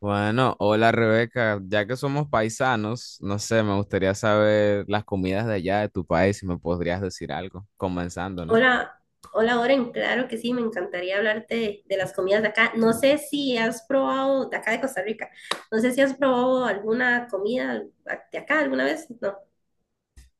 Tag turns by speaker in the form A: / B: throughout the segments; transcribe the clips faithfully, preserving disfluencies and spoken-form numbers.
A: Bueno, hola Rebeca, ya que somos paisanos, no sé, me gustaría saber las comidas de allá de tu país, si me podrías decir algo, comenzando, ¿no?
B: Hola, hola Oren, claro que sí, me encantaría hablarte de, de las comidas de acá. No sé si has probado, de acá de Costa Rica, no sé si has probado alguna comida de acá alguna vez. No,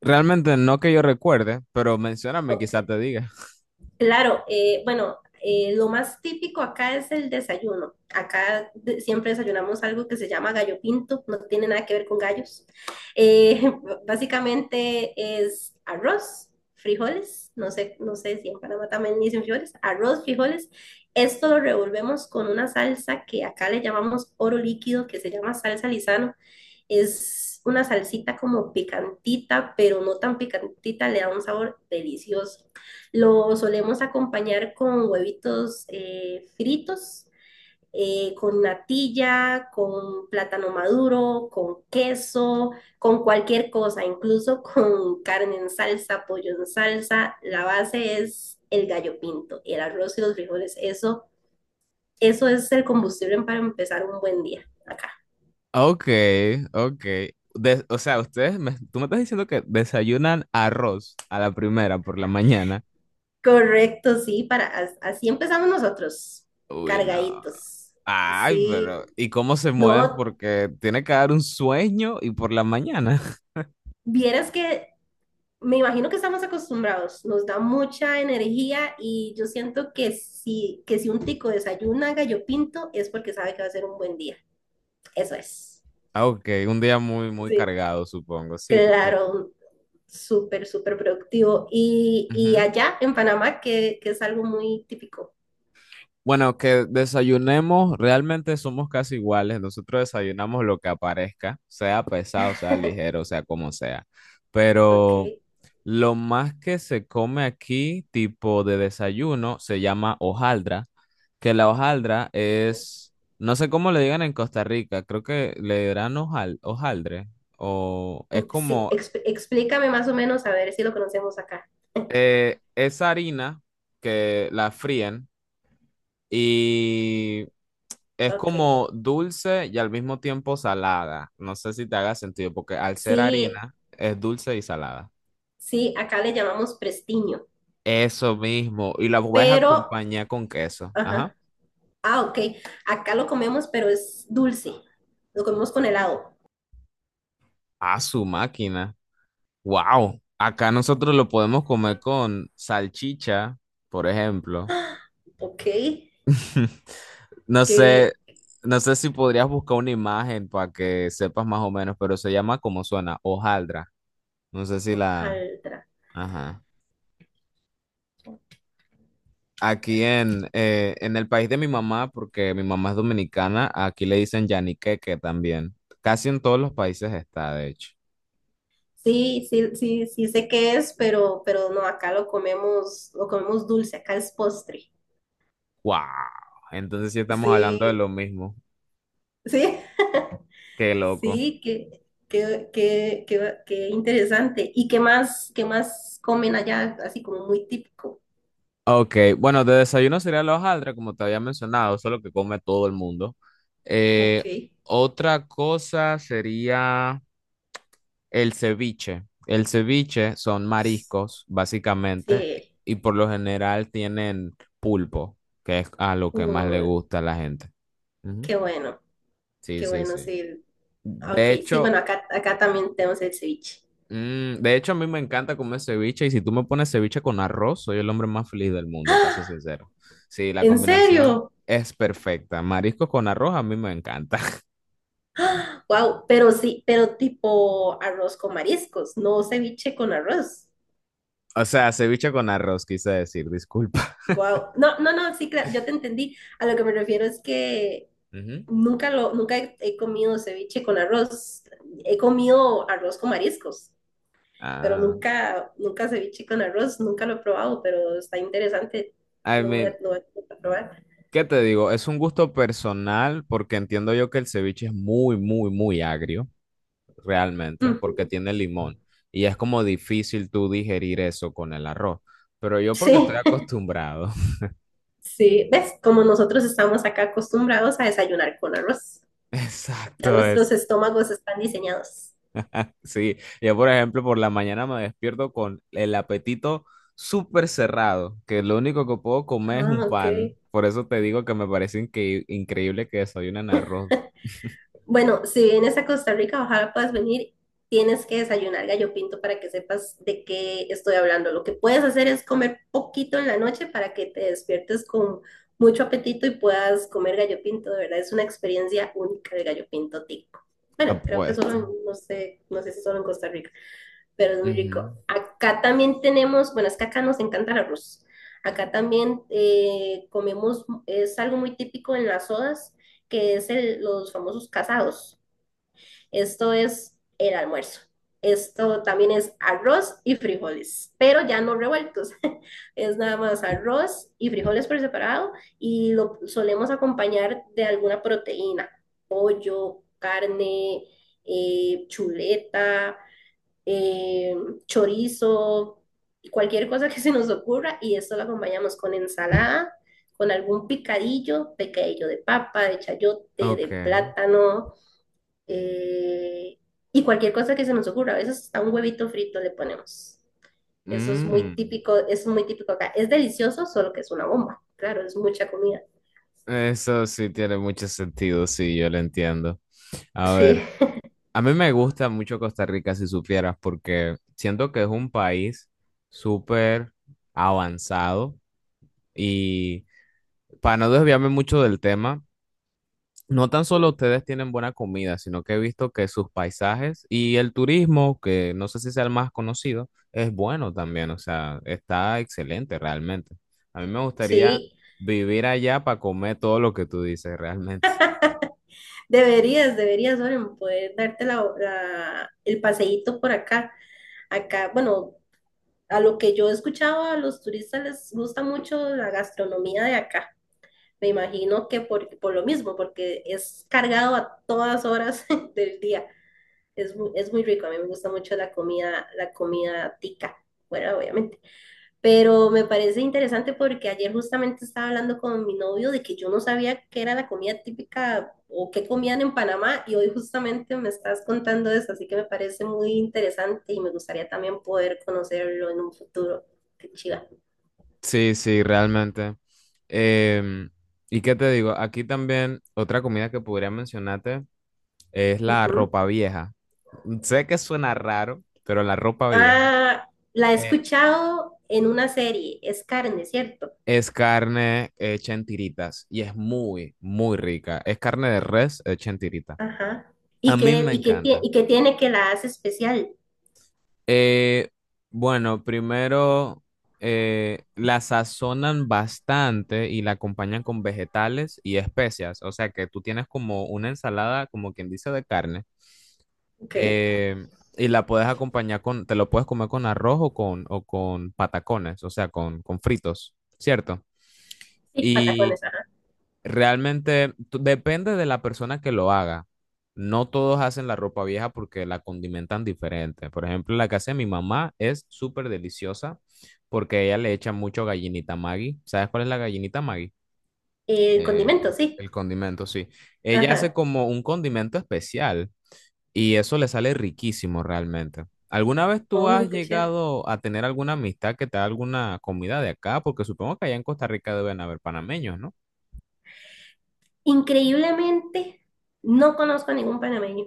A: Realmente no que yo recuerde, pero mencióname, quizá
B: ok.
A: te diga.
B: Claro, eh, bueno, eh, lo más típico acá es el desayuno. Acá de- siempre desayunamos algo que se llama gallo pinto, no tiene nada que ver con gallos. Eh, básicamente es arroz, frijoles, no sé, no sé si en Panamá también dicen frijoles, arroz, frijoles. Esto lo revolvemos con una salsa que acá le llamamos oro líquido, que se llama salsa Lizano. Es una salsita como picantita, pero no tan picantita, le da un sabor delicioso. Lo solemos acompañar con huevitos eh, fritos, eh, con natilla, con plátano maduro, con queso, con cualquier cosa, incluso con carne en salsa, pollo en salsa. La base es el gallo pinto, el arroz y los frijoles. Eso, eso es el combustible para empezar un buen día acá.
A: Ok, ok. De- o sea, ustedes, me, tú me estás diciendo que desayunan arroz a la primera por la mañana.
B: Correcto, sí, para, as- así empezamos nosotros,
A: Uy, no.
B: cargaditos.
A: Ay,
B: Sí,
A: pero ¿y cómo se mueven?
B: no,
A: Porque tiene que dar un sueño y por la mañana.
B: vieras que me imagino que estamos acostumbrados, nos da mucha energía y yo siento que si, que si un tico desayuna gallo pinto es porque sabe que va a ser un buen día. Eso es.
A: Ah, ok, un día muy, muy
B: Sí.
A: cargado, supongo. Sí, tiene.
B: Claro, súper, súper productivo. Y, y
A: Ujú.
B: allá en Panamá, que, que es algo muy típico.
A: Bueno, que desayunemos, realmente somos casi iguales. Nosotros desayunamos lo que aparezca, sea pesado, sea ligero, sea como sea.
B: Ok.
A: Pero lo más que se come aquí, tipo de desayuno, se llama hojaldra, que la hojaldra es, no sé cómo le digan en Costa Rica, creo que le dirán hojal, hojaldre, o es
B: Sí,
A: como,
B: exp- explícame más o menos a ver si lo conocemos acá.
A: eh, esa harina que la fríen y es
B: Ok.
A: como dulce y al mismo tiempo salada. No sé si te haga sentido, porque al ser
B: Sí,
A: harina es dulce y salada.
B: sí, acá le llamamos prestiño,
A: Eso mismo. Y la puedes
B: pero,
A: acompañar con queso.
B: ajá.
A: Ajá.
B: Ah, ok. Acá lo comemos, pero es dulce. Lo comemos con helado.
A: A su máquina. Wow. Acá nosotros lo podemos comer con salchicha, por ejemplo.
B: Ok.
A: No sé,
B: ¿Qué?
A: no sé si podrías buscar una imagen para que sepas más o menos, pero se llama como suena, hojaldra. No sé si la...
B: Hojaldra.
A: Ajá. Aquí en, eh, en el país de mi mamá, porque mi mamá es dominicana, aquí le dicen yaniqueque también. Casi en todos los países está, de hecho.
B: Sí, sí, sí, sí sé qué es, pero, pero no, acá lo comemos, lo comemos dulce, acá es postre.
A: ¡Wow! Entonces sí estamos hablando de
B: Sí,
A: lo mismo.
B: sí,
A: ¡Qué loco!
B: sí, qué, qué, qué, qué, qué interesante. ¿Y qué más, qué más comen allá, así como muy típico?
A: Ok, bueno, de desayuno sería la hojaldra, como te había mencionado, eso lo que come todo el mundo.
B: Ok.
A: Eh, otra cosa sería... El ceviche. El ceviche son mariscos, básicamente, y
B: Sí,
A: y por lo general tienen pulpo, que es a lo que más le
B: uh,
A: gusta a la gente.
B: qué
A: Ujú.
B: bueno,
A: Sí,
B: qué
A: sí,
B: bueno,
A: sí.
B: sí. Ah, ok,
A: De
B: sí, bueno,
A: hecho,
B: acá, acá también tenemos el ceviche.
A: mm, de hecho, a mí me encanta comer ceviche, y si tú me pones ceviche con arroz, soy el hombre más feliz del mundo, para ser
B: ¡Ah!
A: sincero. Sí, la
B: ¿En
A: combinación
B: serio?
A: es perfecta. Mariscos con arroz a mí me encanta.
B: Wow, pero sí, pero tipo arroz con mariscos, no ceviche con arroz.
A: O sea, ceviche con arroz, quise decir, disculpa.
B: Wow. No, no, no, sí, cla- yo te entendí. A lo que me refiero es que
A: Ujú.
B: nunca lo, nunca he, he comido ceviche con arroz. He comido arroz con mariscos, pero
A: Ah,
B: nunca, nunca ceviche con arroz, nunca lo he probado, pero está interesante.
A: I
B: Lo voy a,
A: mean,
B: lo voy a probar.
A: ¿qué te digo? Es un gusto personal porque entiendo yo que el ceviche es muy, muy, muy agrio, realmente, porque
B: Ujú.
A: tiene limón y es como difícil tú digerir eso con el arroz. Pero yo
B: Sí.
A: porque estoy acostumbrado.
B: Sí, ¿ves? Como nosotros estamos acá acostumbrados a desayunar con arroz.
A: Exacto,
B: Ya nuestros
A: es.
B: estómagos están diseñados.
A: Sí, yo por ejemplo por la mañana me despierto con el apetito súper cerrado, que lo único que puedo comer es un
B: Ah, ok.
A: pan. Por eso te digo que me parece incre- increíble que desayunen arroz.
B: Bueno, si vienes a Costa Rica, ojalá puedas venir. Tienes que desayunar gallo pinto para que sepas de qué estoy hablando. Lo que puedes hacer es comer poquito en la noche para que te despiertes con mucho apetito y puedas comer gallo pinto. De verdad, es una experiencia única el gallo pinto tico. Bueno, creo que solo,
A: Apuesto.
B: en- no sé, no sé si solo en Costa Rica, pero es muy
A: Ujú.
B: rico. Acá también tenemos, bueno, es que acá nos encanta el arroz. Acá también eh, comemos, es algo muy típico en las sodas, que es el- los famosos casados. Esto es el almuerzo. Esto también es arroz y frijoles, pero ya no revueltos. Es nada más arroz y frijoles por separado y lo solemos acompañar de alguna proteína, pollo, carne, eh, chuleta, eh, chorizo, cualquier cosa que se nos ocurra y esto lo acompañamos con ensalada, con algún picadillo, picadillo de papa, de chayote, de
A: Ok.
B: plátano, eh, y cualquier cosa que se nos ocurra. A veces hasta un huevito frito le ponemos. Eso es muy
A: Mm,
B: típico, es muy típico acá. Es delicioso, solo que es una bomba. Claro, es mucha comida.
A: eso sí tiene mucho sentido, sí, yo lo entiendo. A
B: Sí,
A: ver, a mí me gusta mucho Costa Rica, si supieras, porque siento que es un país súper avanzado y para no desviarme mucho del tema, no tan solo
B: ujú,
A: ustedes tienen buena comida, sino que he visto que sus paisajes y el turismo, que no sé si sea el más conocido, es bueno también, o sea, está excelente realmente. A mí me gustaría
B: sí.
A: vivir allá para comer todo lo que tú dices realmente.
B: Deberías, deberías, Oren, poder darte la- la- el paseíto por acá. Acá, bueno, a lo que yo he escuchado, a los turistas les gusta mucho la gastronomía de acá. Me imagino que por, por lo mismo, porque es cargado a todas horas del día. Es muy, es muy rico, a mí me gusta mucho la comida, la comida tica, bueno, obviamente. Pero me parece interesante porque ayer justamente estaba hablando con mi novio de que yo no sabía qué era la comida típica o qué comían en Panamá y hoy justamente me estás contando eso, así que me parece muy interesante y me gustaría también poder conocerlo en un futuro. Qué chiva.
A: Sí, sí, realmente. Em, ¿y qué te digo? Aquí también otra comida que podría mencionarte es la
B: Ujú.
A: ropa vieja. Sé que suena raro, pero la ropa vieja.
B: Ah, la he
A: Eh,
B: escuchado en una serie, es carne, ¿cierto?
A: Es carne hecha en tiritas y es muy, muy rica. Es carne de res hecha en tirita.
B: Ajá. ¿Y
A: A mí
B: qué,
A: me
B: y qué, tie-
A: encanta.
B: y qué tiene que la hace especial?
A: Eh, bueno, primero eh, la sazonan bastante y la acompañan con vegetales y especias. O sea que tú tienes como una ensalada, como quien dice, de carne.
B: Ok.
A: eh, y la puedes acompañar con, te lo puedes comer con arroz o con, o con patacones, o sea, con, con fritos, ¿cierto?
B: Sí,
A: Y
B: patacones, ajá.
A: realmente tú- depende de la persona que lo haga. No todos hacen la ropa vieja porque la condimentan diferente. Por ejemplo, la que hace mi mamá es súper deliciosa porque ella le echa mucho gallinita Maggi. ¿Sabes cuál es la gallinita Maggi?
B: Eh,
A: Eh,
B: condimentos, sí.
A: el condimento, sí. Ella hace
B: Ajá.
A: como un condimento especial y eso le sale riquísimo realmente. ¿Alguna vez tú
B: Oh,
A: has
B: qué chiva.
A: llegado a tener alguna amistad que te da alguna comida de acá? Porque supongo que allá en Costa Rica deben haber panameños, ¿no?
B: Increíblemente, no conozco a ningún panameño.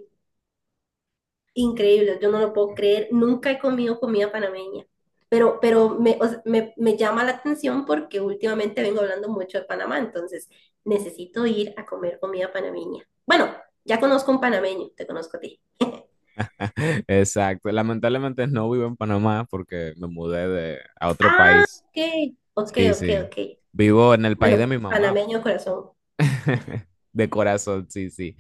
B: Increíble, yo no lo puedo creer. Nunca he comido comida panameña. Pero, pero me, o sea, me, me llama la atención porque últimamente vengo hablando mucho de Panamá, entonces necesito ir a comer comida panameña. Bueno, ya conozco un panameño, te conozco a ti.
A: Exacto. Lamentablemente no vivo en Panamá porque me mudé de, a otro
B: Ah,
A: país.
B: ok, ok,
A: Sí,
B: ok,
A: sí.
B: ok.
A: Vivo en el país de
B: Bueno,
A: mi mamá,
B: panameño de corazón.
A: de corazón, sí, sí.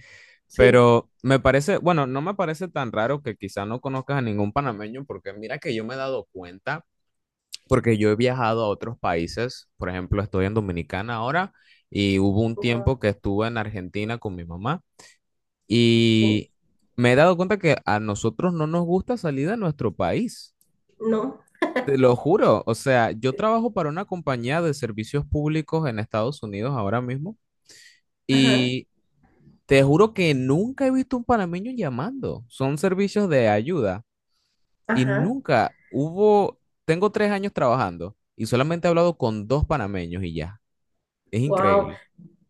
B: Sí.
A: Pero me parece, bueno, no me parece tan raro que quizá no conozcas a ningún panameño porque mira que yo me he dado cuenta, porque yo he viajado a otros países, por ejemplo, estoy en Dominicana ahora y hubo un
B: No,
A: tiempo que estuve en Argentina con mi mamá
B: ok,
A: y me he dado cuenta que a nosotros no nos gusta salir de nuestro país.
B: no,
A: Te lo juro, o sea, yo trabajo para una compañía de servicios públicos en Estados Unidos ahora mismo
B: ajá,
A: y te juro que nunca he visto un panameño llamando. Son servicios de ayuda y
B: ajá.
A: nunca hubo, tengo tres años trabajando y solamente he hablado con dos panameños y ya. Es
B: Wow,
A: increíble.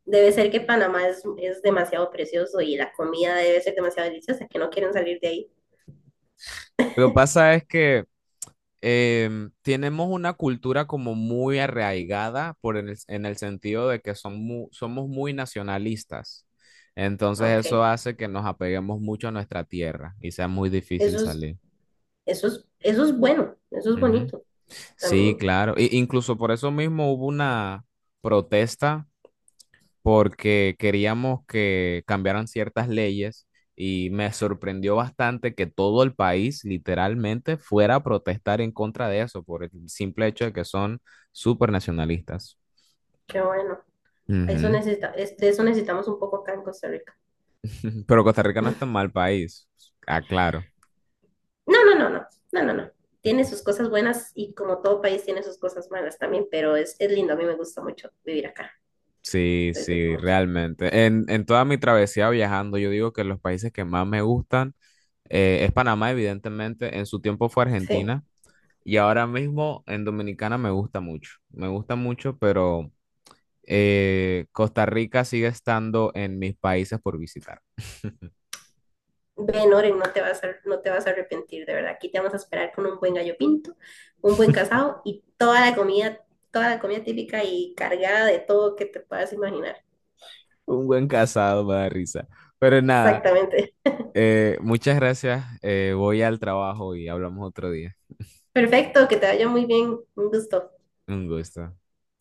B: debe ser que Panamá es, es demasiado precioso y la comida debe ser demasiado deliciosa, que no quieren salir de ahí.
A: Lo que pasa es que em, tenemos una cultura como muy arraigada por en el, en el sentido de que son mu- somos muy nacionalistas. Entonces eso
B: Ok,
A: hace que nos apeguemos mucho a nuestra tierra y sea muy difícil
B: eso es,
A: salir.
B: eso es, eso es bueno, eso es
A: Ujú.
B: bonito
A: Sí,
B: también.
A: claro. E- incluso por eso mismo hubo una protesta porque queríamos que cambiaran ciertas leyes y me sorprendió bastante que todo el país literalmente fuera a protestar en contra de eso por el simple hecho de que son súper nacionalistas.
B: Qué bueno. Eso
A: Ujú.
B: necesita, es- de eso necesitamos un poco acá en Costa Rica.
A: Pero Costa Rica no es tan mal país, aclaro.
B: No, no, no, no, no, no, no. Tiene sus cosas buenas y como todo país tiene sus cosas malas también, pero es, es lindo, a mí me gusta mucho vivir acá,
A: Sí,
B: lo disfruto
A: sí,
B: mucho.
A: realmente. En, en toda mi travesía viajando, yo digo que los países que más me gustan eh, es Panamá, evidentemente. En su tiempo fue
B: Sí.
A: Argentina. Y ahora mismo en Dominicana me gusta mucho, me gusta mucho, pero eh, Costa Rica sigue estando en mis países por visitar.
B: Ven, Oren, no te vas a, no te vas a arrepentir, de verdad. Aquí te vamos a esperar con un buen gallo pinto, un buen casado y toda la comida, toda la comida típica y cargada de todo que te puedas imaginar.
A: Un buen casado me da risa. Pero nada,
B: Exactamente.
A: eh, muchas gracias. Eh, voy al trabajo y hablamos otro día.
B: Perfecto, que te vaya muy bien. Un gusto.
A: Un gusto.